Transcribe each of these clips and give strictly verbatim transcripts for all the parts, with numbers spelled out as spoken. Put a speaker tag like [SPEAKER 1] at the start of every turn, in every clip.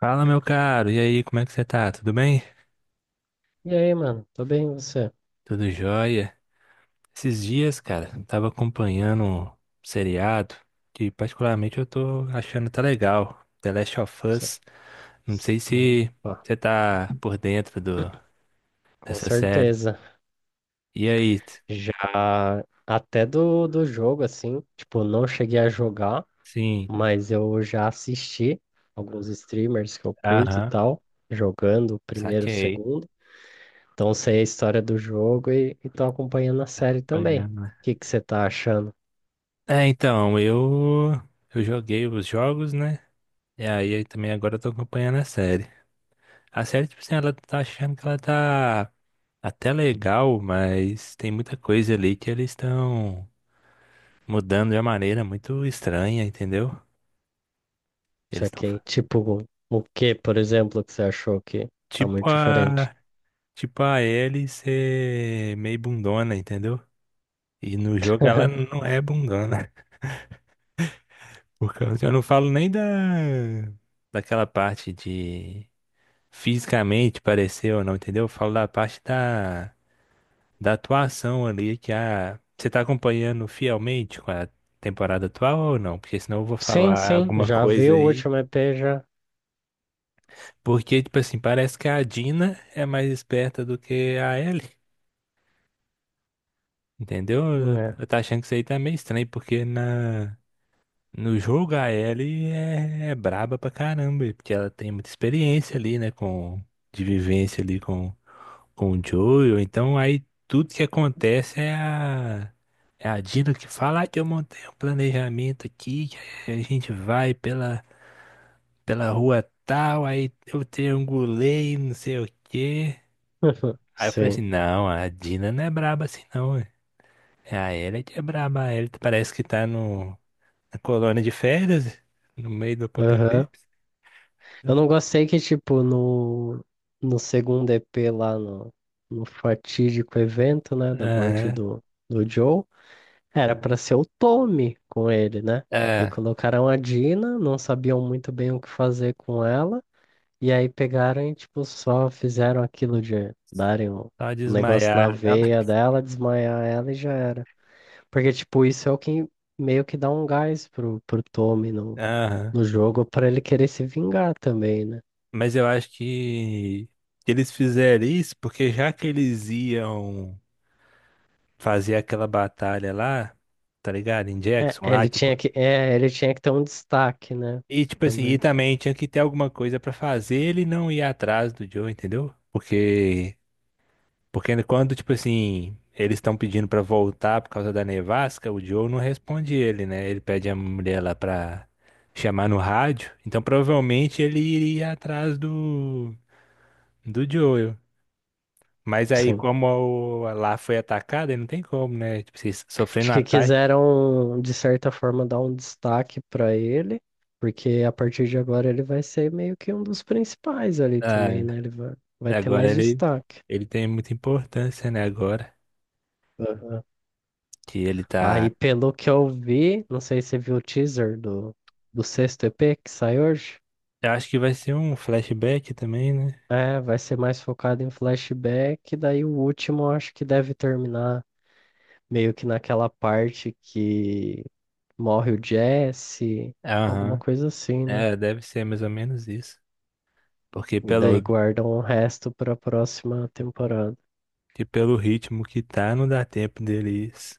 [SPEAKER 1] Fala, meu caro. E aí, como é que você tá? Tudo bem?
[SPEAKER 2] E aí, mano? Tô bem, e você?
[SPEAKER 1] Tudo jóia? Esses dias, cara, eu tava acompanhando um seriado que particularmente eu tô achando tá legal. The Last of
[SPEAKER 2] Você-
[SPEAKER 1] Us. Não sei se
[SPEAKER 2] Opa,
[SPEAKER 1] você tá por dentro do,
[SPEAKER 2] com
[SPEAKER 1] dessa série.
[SPEAKER 2] certeza.
[SPEAKER 1] E aí? t-
[SPEAKER 2] Já até do, do jogo, assim, tipo, não cheguei a jogar,
[SPEAKER 1] Sim.
[SPEAKER 2] mas eu já assisti alguns streamers que eu curto e
[SPEAKER 1] Aham.
[SPEAKER 2] tal, jogando o primeiro, o
[SPEAKER 1] Saquei.
[SPEAKER 2] segundo. Então sei a história do jogo e, e tô acompanhando a
[SPEAKER 1] Tá
[SPEAKER 2] série também.
[SPEAKER 1] acompanhando, né?
[SPEAKER 2] O que que você tá achando
[SPEAKER 1] É, então, eu eu joguei os jogos, né? E aí também agora eu tô acompanhando a série. A série, tipo assim, ela tá achando que ela tá até legal, mas tem muita coisa ali que eles estão mudando de uma maneira muito estranha, entendeu?
[SPEAKER 2] isso
[SPEAKER 1] Eles estão
[SPEAKER 2] aqui? Tipo, o que, por exemplo, que você achou que tá
[SPEAKER 1] tipo
[SPEAKER 2] muito diferente?
[SPEAKER 1] a Tipo a Ellie ser meio bundona, entendeu? E no jogo ela não é bundona. Por causa, eu não falo nem da daquela parte de fisicamente parecer ou não, entendeu? Eu falo da parte da da atuação ali que a você tá acompanhando fielmente com a temporada atual ou não? Porque senão eu vou
[SPEAKER 2] Sim,
[SPEAKER 1] falar
[SPEAKER 2] sim,
[SPEAKER 1] alguma
[SPEAKER 2] já vi
[SPEAKER 1] coisa
[SPEAKER 2] o
[SPEAKER 1] aí.
[SPEAKER 2] último E P já,
[SPEAKER 1] Porque, tipo assim, parece que a Dina é mais esperta do que a Ellie, entendeu? Eu
[SPEAKER 2] né?
[SPEAKER 1] eu tô achando que isso aí tá meio estranho, porque na, no jogo a Ellie é, é braba pra caramba, e porque ela tem muita experiência ali, né, com, de vivência ali com, com o Joel. Então aí tudo que acontece é a é a Dina que fala: "Ah, que eu montei um planejamento aqui, que a gente vai pela, pela rua tal, aí eu triangulei, não sei o quê."
[SPEAKER 2] Uhum.
[SPEAKER 1] Aí eu falei assim,
[SPEAKER 2] Sim.
[SPEAKER 1] não, a Dina não é braba assim não, ué. É a Ellie que é braba. A Ellie parece que tá no, na colônia de férias, no meio do
[SPEAKER 2] Aham.
[SPEAKER 1] apocalipse.
[SPEAKER 2] Eu não gostei que, tipo, no, no segundo E P lá no, no fatídico evento, né, da morte
[SPEAKER 1] Aham,
[SPEAKER 2] do, do Joe, era pra ser o Tommy com ele, né? E
[SPEAKER 1] é,
[SPEAKER 2] colocaram a Dina, não sabiam muito bem o que fazer com ela, e aí pegaram e, tipo, só fizeram aquilo de darem um
[SPEAKER 1] só
[SPEAKER 2] um negócio na
[SPEAKER 1] desmaiar, não.
[SPEAKER 2] veia dela, desmaiar ela e já era. Porque, tipo, isso é o que meio que dá um gás pro, pro Tommy no
[SPEAKER 1] Aham.
[SPEAKER 2] jogo para ele querer se vingar também, né?
[SPEAKER 1] Mas eu acho que eles fizeram isso porque já que eles iam fazia aquela batalha lá, tá ligado? Em
[SPEAKER 2] É,
[SPEAKER 1] Jackson lá,
[SPEAKER 2] ele
[SPEAKER 1] tipo.
[SPEAKER 2] tinha que, é, ele tinha que ter um destaque, né?
[SPEAKER 1] E tipo assim, e
[SPEAKER 2] Também.
[SPEAKER 1] também tinha que ter alguma coisa pra fazer ele não ir atrás do Joe, entendeu? Porque porque quando, tipo assim, eles estão pedindo pra voltar por causa da nevasca, o Joe não responde ele, né? Ele pede a mulher lá pra chamar no rádio. Então provavelmente ele iria atrás do do Joel. Mas aí
[SPEAKER 2] Sim.
[SPEAKER 1] como o- lá foi atacada aí não tem como, né? Tipo assim,
[SPEAKER 2] Acho
[SPEAKER 1] sofrendo um
[SPEAKER 2] que
[SPEAKER 1] ataque.
[SPEAKER 2] quiseram, de certa forma, dar um destaque para ele, porque a partir de agora ele vai ser meio que um dos principais ali também, né? Ele vai, vai ter
[SPEAKER 1] Agora
[SPEAKER 2] mais
[SPEAKER 1] ele,
[SPEAKER 2] destaque.
[SPEAKER 1] Ele tem muita importância, né? Agora
[SPEAKER 2] Aham.
[SPEAKER 1] que ele
[SPEAKER 2] Aí,
[SPEAKER 1] tá.
[SPEAKER 2] pelo que eu vi, não sei se você viu o teaser do, do sexto E P que sai hoje.
[SPEAKER 1] Eu acho que vai ser um flashback também, né?
[SPEAKER 2] É, vai ser mais focado em flashback, daí o último eu acho que deve terminar meio que naquela parte que morre o Jesse, alguma
[SPEAKER 1] Aham.
[SPEAKER 2] coisa assim, né?
[SPEAKER 1] É, deve ser mais ou menos isso. Porque
[SPEAKER 2] E daí
[SPEAKER 1] pelo,
[SPEAKER 2] guardam o resto pra próxima temporada.
[SPEAKER 1] que pelo ritmo que tá, não dá tempo deles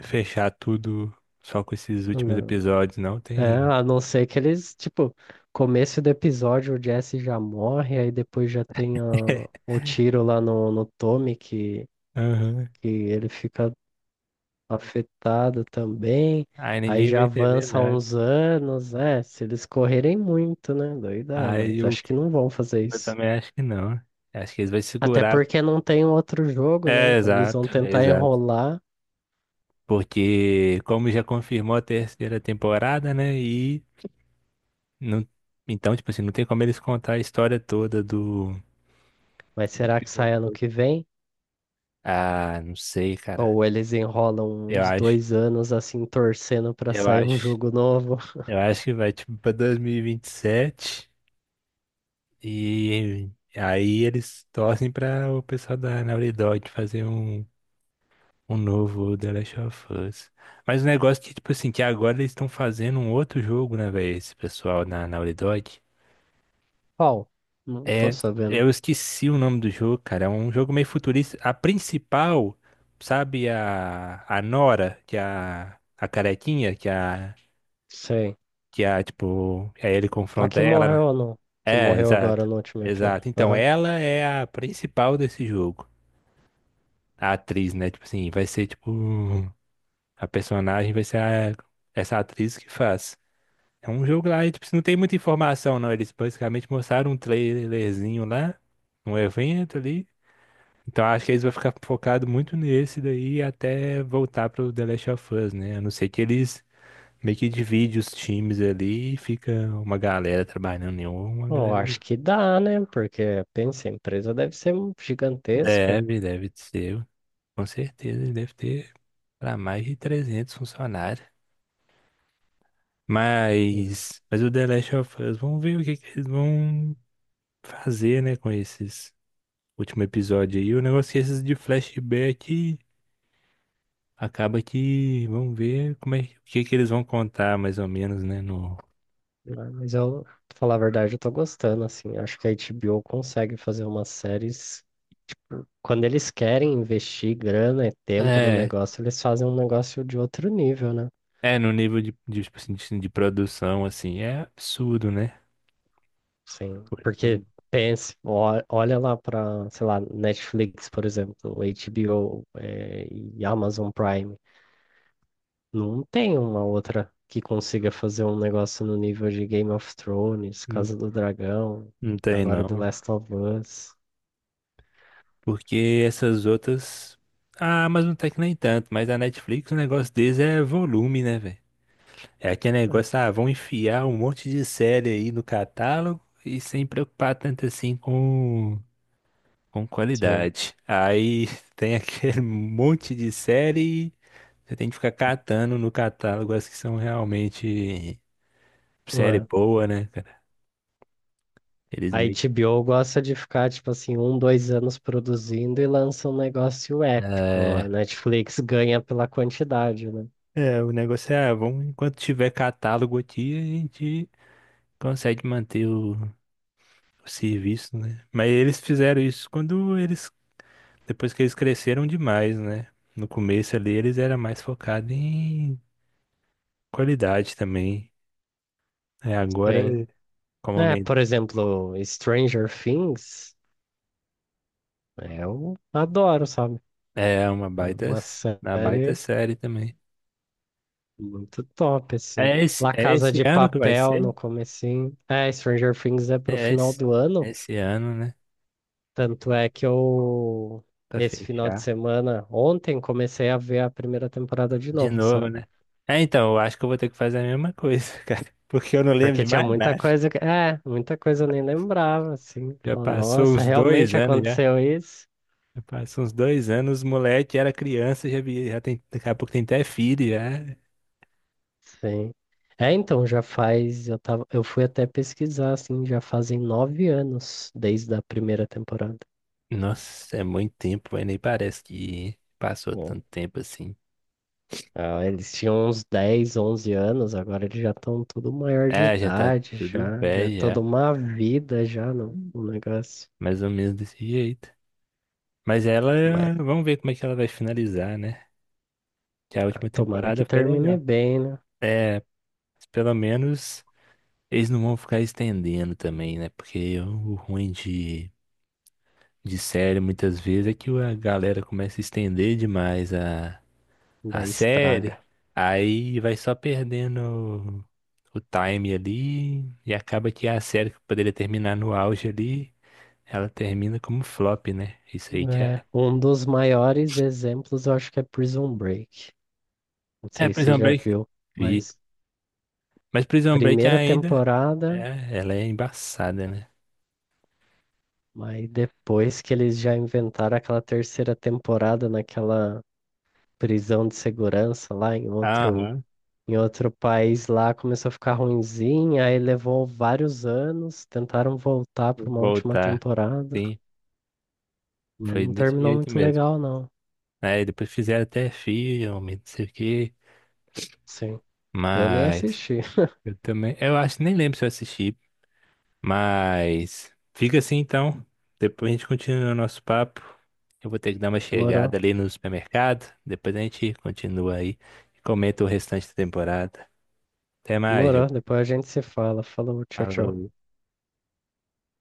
[SPEAKER 1] fechar tudo só com esses últimos
[SPEAKER 2] Não.
[SPEAKER 1] episódios, não
[SPEAKER 2] É,
[SPEAKER 1] tem.
[SPEAKER 2] a não ser que eles, tipo, começo do episódio o Jesse já morre, aí depois já tem a, o tiro lá no, no Tommy que,
[SPEAKER 1] Aham.
[SPEAKER 2] que ele fica afetado também.
[SPEAKER 1] Aí
[SPEAKER 2] Aí
[SPEAKER 1] ninguém
[SPEAKER 2] já
[SPEAKER 1] vai entender
[SPEAKER 2] avança
[SPEAKER 1] nada.
[SPEAKER 2] uns anos, é, se eles correrem muito, né? Daí dá,
[SPEAKER 1] Aí
[SPEAKER 2] mas
[SPEAKER 1] eu,
[SPEAKER 2] acho que não vão fazer
[SPEAKER 1] eu
[SPEAKER 2] isso.
[SPEAKER 1] também acho que não. Acho que eles vão
[SPEAKER 2] Até
[SPEAKER 1] segurar.
[SPEAKER 2] porque não tem um outro jogo, né?
[SPEAKER 1] É,
[SPEAKER 2] Então eles vão
[SPEAKER 1] exato,
[SPEAKER 2] tentar
[SPEAKER 1] exato.
[SPEAKER 2] enrolar,
[SPEAKER 1] Porque, como já confirmou a terceira temporada, né? E não, então, tipo assim, não tem como eles contar a história toda do.
[SPEAKER 2] mas será que sai ano que vem?
[SPEAKER 1] Ah, não sei, cara.
[SPEAKER 2] Ou eles enrolam
[SPEAKER 1] Eu
[SPEAKER 2] uns
[SPEAKER 1] acho,
[SPEAKER 2] dois anos assim, torcendo pra
[SPEAKER 1] eu
[SPEAKER 2] sair um
[SPEAKER 1] acho,
[SPEAKER 2] jogo novo?
[SPEAKER 1] eu acho que vai tipo para dois mil e vinte e sete e vinte e sete e aí eles torcem para o pessoal da Naughty Dog fazer um, um novo The Last of Us. Mas o negócio é que, tipo assim, que agora eles estão fazendo um outro jogo, né, velho, esse pessoal na Naughty Dog.
[SPEAKER 2] Qual? Não tô
[SPEAKER 1] É,
[SPEAKER 2] sabendo.
[SPEAKER 1] eu esqueci o nome do jogo, cara. É um jogo meio futurista. A principal, sabe, a, a Nora, que é a, a carequinha, que é a,
[SPEAKER 2] Sei.
[SPEAKER 1] que é a, tipo, aí ele
[SPEAKER 2] A
[SPEAKER 1] confronta
[SPEAKER 2] que
[SPEAKER 1] ela,
[SPEAKER 2] morreu
[SPEAKER 1] né?
[SPEAKER 2] ou não? Que
[SPEAKER 1] É,
[SPEAKER 2] morreu agora
[SPEAKER 1] exato.
[SPEAKER 2] no último E P.
[SPEAKER 1] Exato. Então,
[SPEAKER 2] Aham.
[SPEAKER 1] ela é a principal desse jogo. A atriz, né? Tipo assim, vai ser, tipo, a personagem vai ser a- essa atriz que faz. É um jogo lá, e, tipo, não tem muita informação, não. Eles basicamente mostraram um trailerzinho lá, um evento ali. Então acho que eles vão ficar focados muito nesse daí até voltar pro The Last of Us, né? A não ser que eles meio que dividem os times ali e fica uma galera trabalhando em um, uma
[SPEAKER 2] Eu
[SPEAKER 1] galera
[SPEAKER 2] acho
[SPEAKER 1] no.
[SPEAKER 2] que dá, né? Porque, pensa, a empresa deve ser gigantesca.
[SPEAKER 1] Deve, deve ser. Com certeza, ele deve ter para mais de trezentos funcionários.
[SPEAKER 2] Hum.
[SPEAKER 1] Mas, mas o The Last of Us, vamos ver o que, que eles vão fazer, né, com esses último episódio aí. O negócio é que esses de flashback, acaba que vamos ver como é o que que eles vão contar mais ou menos, né? No
[SPEAKER 2] Mas eu, pra falar a verdade, eu tô gostando, assim. Acho que a H B O consegue fazer umas séries. Quando eles querem investir grana e tempo no
[SPEAKER 1] é,
[SPEAKER 2] negócio, eles fazem um negócio de outro nível, né?
[SPEAKER 1] é no nível de, de, tipo assim, de, de produção assim é absurdo, né?
[SPEAKER 2] Sim.
[SPEAKER 1] Pô,
[SPEAKER 2] Porque
[SPEAKER 1] não,
[SPEAKER 2] pense, ó- olha lá para, sei lá, Netflix, por exemplo, H B O, eh, e Amazon Prime. Não tem uma outra que consiga fazer um negócio no nível de Game of Thrones,
[SPEAKER 1] não,
[SPEAKER 2] Casa do Dragão,
[SPEAKER 1] não tem
[SPEAKER 2] agora The
[SPEAKER 1] não,
[SPEAKER 2] Last of Us.
[SPEAKER 1] porque essas outras, ah, mas não tem que nem tanto, mas a Netflix, o negócio deles é volume, né, velho? É aquele negócio, ah, vão enfiar um monte de série aí no catálogo e sem preocupar tanto assim com com
[SPEAKER 2] Sim.
[SPEAKER 1] qualidade. Aí tem aquele monte de série. Você tem que ficar catando no catálogo as que são realmente série boa, né, cara? Eles
[SPEAKER 2] A
[SPEAKER 1] meio que-
[SPEAKER 2] H B O gosta de ficar, tipo assim, um, dois anos produzindo e lança um negócio épico. A
[SPEAKER 1] É,
[SPEAKER 2] Netflix ganha pela quantidade, né?
[SPEAKER 1] é, o negócio é, ah, vamos, enquanto tiver catálogo aqui, a gente consegue manter o, o serviço, né? Mas eles fizeram isso quando eles, depois que eles cresceram demais, né? No começo ali, eles eram mais focados em qualidade também. É, agora,
[SPEAKER 2] Sim.
[SPEAKER 1] como
[SPEAKER 2] É,
[SPEAKER 1] aumentou,
[SPEAKER 2] por exemplo, Stranger Things, eu adoro, sabe?
[SPEAKER 1] é uma
[SPEAKER 2] É
[SPEAKER 1] baita,
[SPEAKER 2] uma
[SPEAKER 1] uma baita
[SPEAKER 2] série
[SPEAKER 1] série também.
[SPEAKER 2] muito top, assim.
[SPEAKER 1] É esse,
[SPEAKER 2] La
[SPEAKER 1] é
[SPEAKER 2] Casa
[SPEAKER 1] esse
[SPEAKER 2] de
[SPEAKER 1] ano que vai
[SPEAKER 2] Papel
[SPEAKER 1] ser?
[SPEAKER 2] no comecinho. É, Stranger Things é pro
[SPEAKER 1] É
[SPEAKER 2] final
[SPEAKER 1] esse,
[SPEAKER 2] do ano.
[SPEAKER 1] Esse ano, né?
[SPEAKER 2] Tanto é que eu,
[SPEAKER 1] Pra
[SPEAKER 2] esse final de
[SPEAKER 1] fechar.
[SPEAKER 2] semana, ontem, comecei a ver a primeira temporada de
[SPEAKER 1] De
[SPEAKER 2] novo,
[SPEAKER 1] novo,
[SPEAKER 2] sabe?
[SPEAKER 1] né? É, então, eu acho que eu vou ter que fazer a mesma coisa, cara. Porque eu não lembro
[SPEAKER 2] Porque
[SPEAKER 1] de
[SPEAKER 2] tinha
[SPEAKER 1] mais
[SPEAKER 2] muita
[SPEAKER 1] nada.
[SPEAKER 2] coisa que, é, muita coisa eu nem lembrava, assim.
[SPEAKER 1] Já
[SPEAKER 2] Falava,
[SPEAKER 1] passou
[SPEAKER 2] nossa,
[SPEAKER 1] uns dois
[SPEAKER 2] realmente
[SPEAKER 1] anos já.
[SPEAKER 2] aconteceu isso?
[SPEAKER 1] Já passou uns dois anos, moleque era criança, já, vi- já tem, daqui a pouco tem até filho já.
[SPEAKER 2] Sim. É, então, já faz, eu tava, eu fui até pesquisar, assim, já fazem nove anos desde a primeira temporada.
[SPEAKER 1] Nossa, é muito tempo, mas nem parece que passou
[SPEAKER 2] Bom,
[SPEAKER 1] tanto tempo assim.
[SPEAKER 2] ah, eles tinham uns dez onze anos, agora eles já estão tudo maior de
[SPEAKER 1] É, já tá
[SPEAKER 2] idade,
[SPEAKER 1] tudo
[SPEAKER 2] já, já é
[SPEAKER 1] velho já.
[SPEAKER 2] toda uma vida já no, no negócio.
[SPEAKER 1] Mais ou menos desse jeito. Mas ela,
[SPEAKER 2] Mas
[SPEAKER 1] vamos ver como é que ela vai finalizar, né? Que a
[SPEAKER 2] ah,
[SPEAKER 1] última
[SPEAKER 2] tomara que
[SPEAKER 1] temporada foi
[SPEAKER 2] termine
[SPEAKER 1] legal.
[SPEAKER 2] bem, né?
[SPEAKER 1] É, pelo menos eles não vão ficar estendendo também, né? Porque o ruim de, de série muitas vezes é que a galera começa a estender demais a, a
[SPEAKER 2] Daí
[SPEAKER 1] série,
[SPEAKER 2] estraga.
[SPEAKER 1] aí vai só perdendo o, o time ali e acaba que a série que poderia terminar no auge ali, ela termina como flop, né? Isso aí que
[SPEAKER 2] É,
[SPEAKER 1] é.
[SPEAKER 2] um dos maiores exemplos eu acho que é Prison Break. Não
[SPEAKER 1] É,
[SPEAKER 2] sei se você
[SPEAKER 1] Prison
[SPEAKER 2] já
[SPEAKER 1] Break,
[SPEAKER 2] viu,
[SPEAKER 1] vi.
[SPEAKER 2] mas
[SPEAKER 1] Mas Prison Break
[SPEAKER 2] primeira
[SPEAKER 1] ainda,
[SPEAKER 2] temporada,
[SPEAKER 1] é, ela é embaçada, né?
[SPEAKER 2] aí depois que eles já inventaram aquela terceira temporada naquela prisão de segurança lá em outro,
[SPEAKER 1] Aham,
[SPEAKER 2] em outro país lá, começou a ficar ruinzinha, aí levou vários anos, tentaram voltar
[SPEAKER 1] vou
[SPEAKER 2] para uma última
[SPEAKER 1] voltar.
[SPEAKER 2] temporada,
[SPEAKER 1] Sim.
[SPEAKER 2] mas
[SPEAKER 1] Foi
[SPEAKER 2] não
[SPEAKER 1] desse
[SPEAKER 2] terminou
[SPEAKER 1] jeito
[SPEAKER 2] muito
[SPEAKER 1] mesmo.
[SPEAKER 2] legal, não.
[SPEAKER 1] Aí depois fizeram até filme, não sei o quê.
[SPEAKER 2] Sim, eu nem
[SPEAKER 1] Mas
[SPEAKER 2] assisti.
[SPEAKER 1] eu também. Eu acho, nem lembro se eu assisti. Mas fica assim então. Depois a gente continua o nosso papo. Eu vou ter que dar uma chegada
[SPEAKER 2] Demorou,
[SPEAKER 1] ali no supermercado. Depois a gente continua aí e comenta o restante da temporada. Até mais, eu.
[SPEAKER 2] demorou, depois a gente se fala. Falou, tchau, tchau.
[SPEAKER 1] Falou.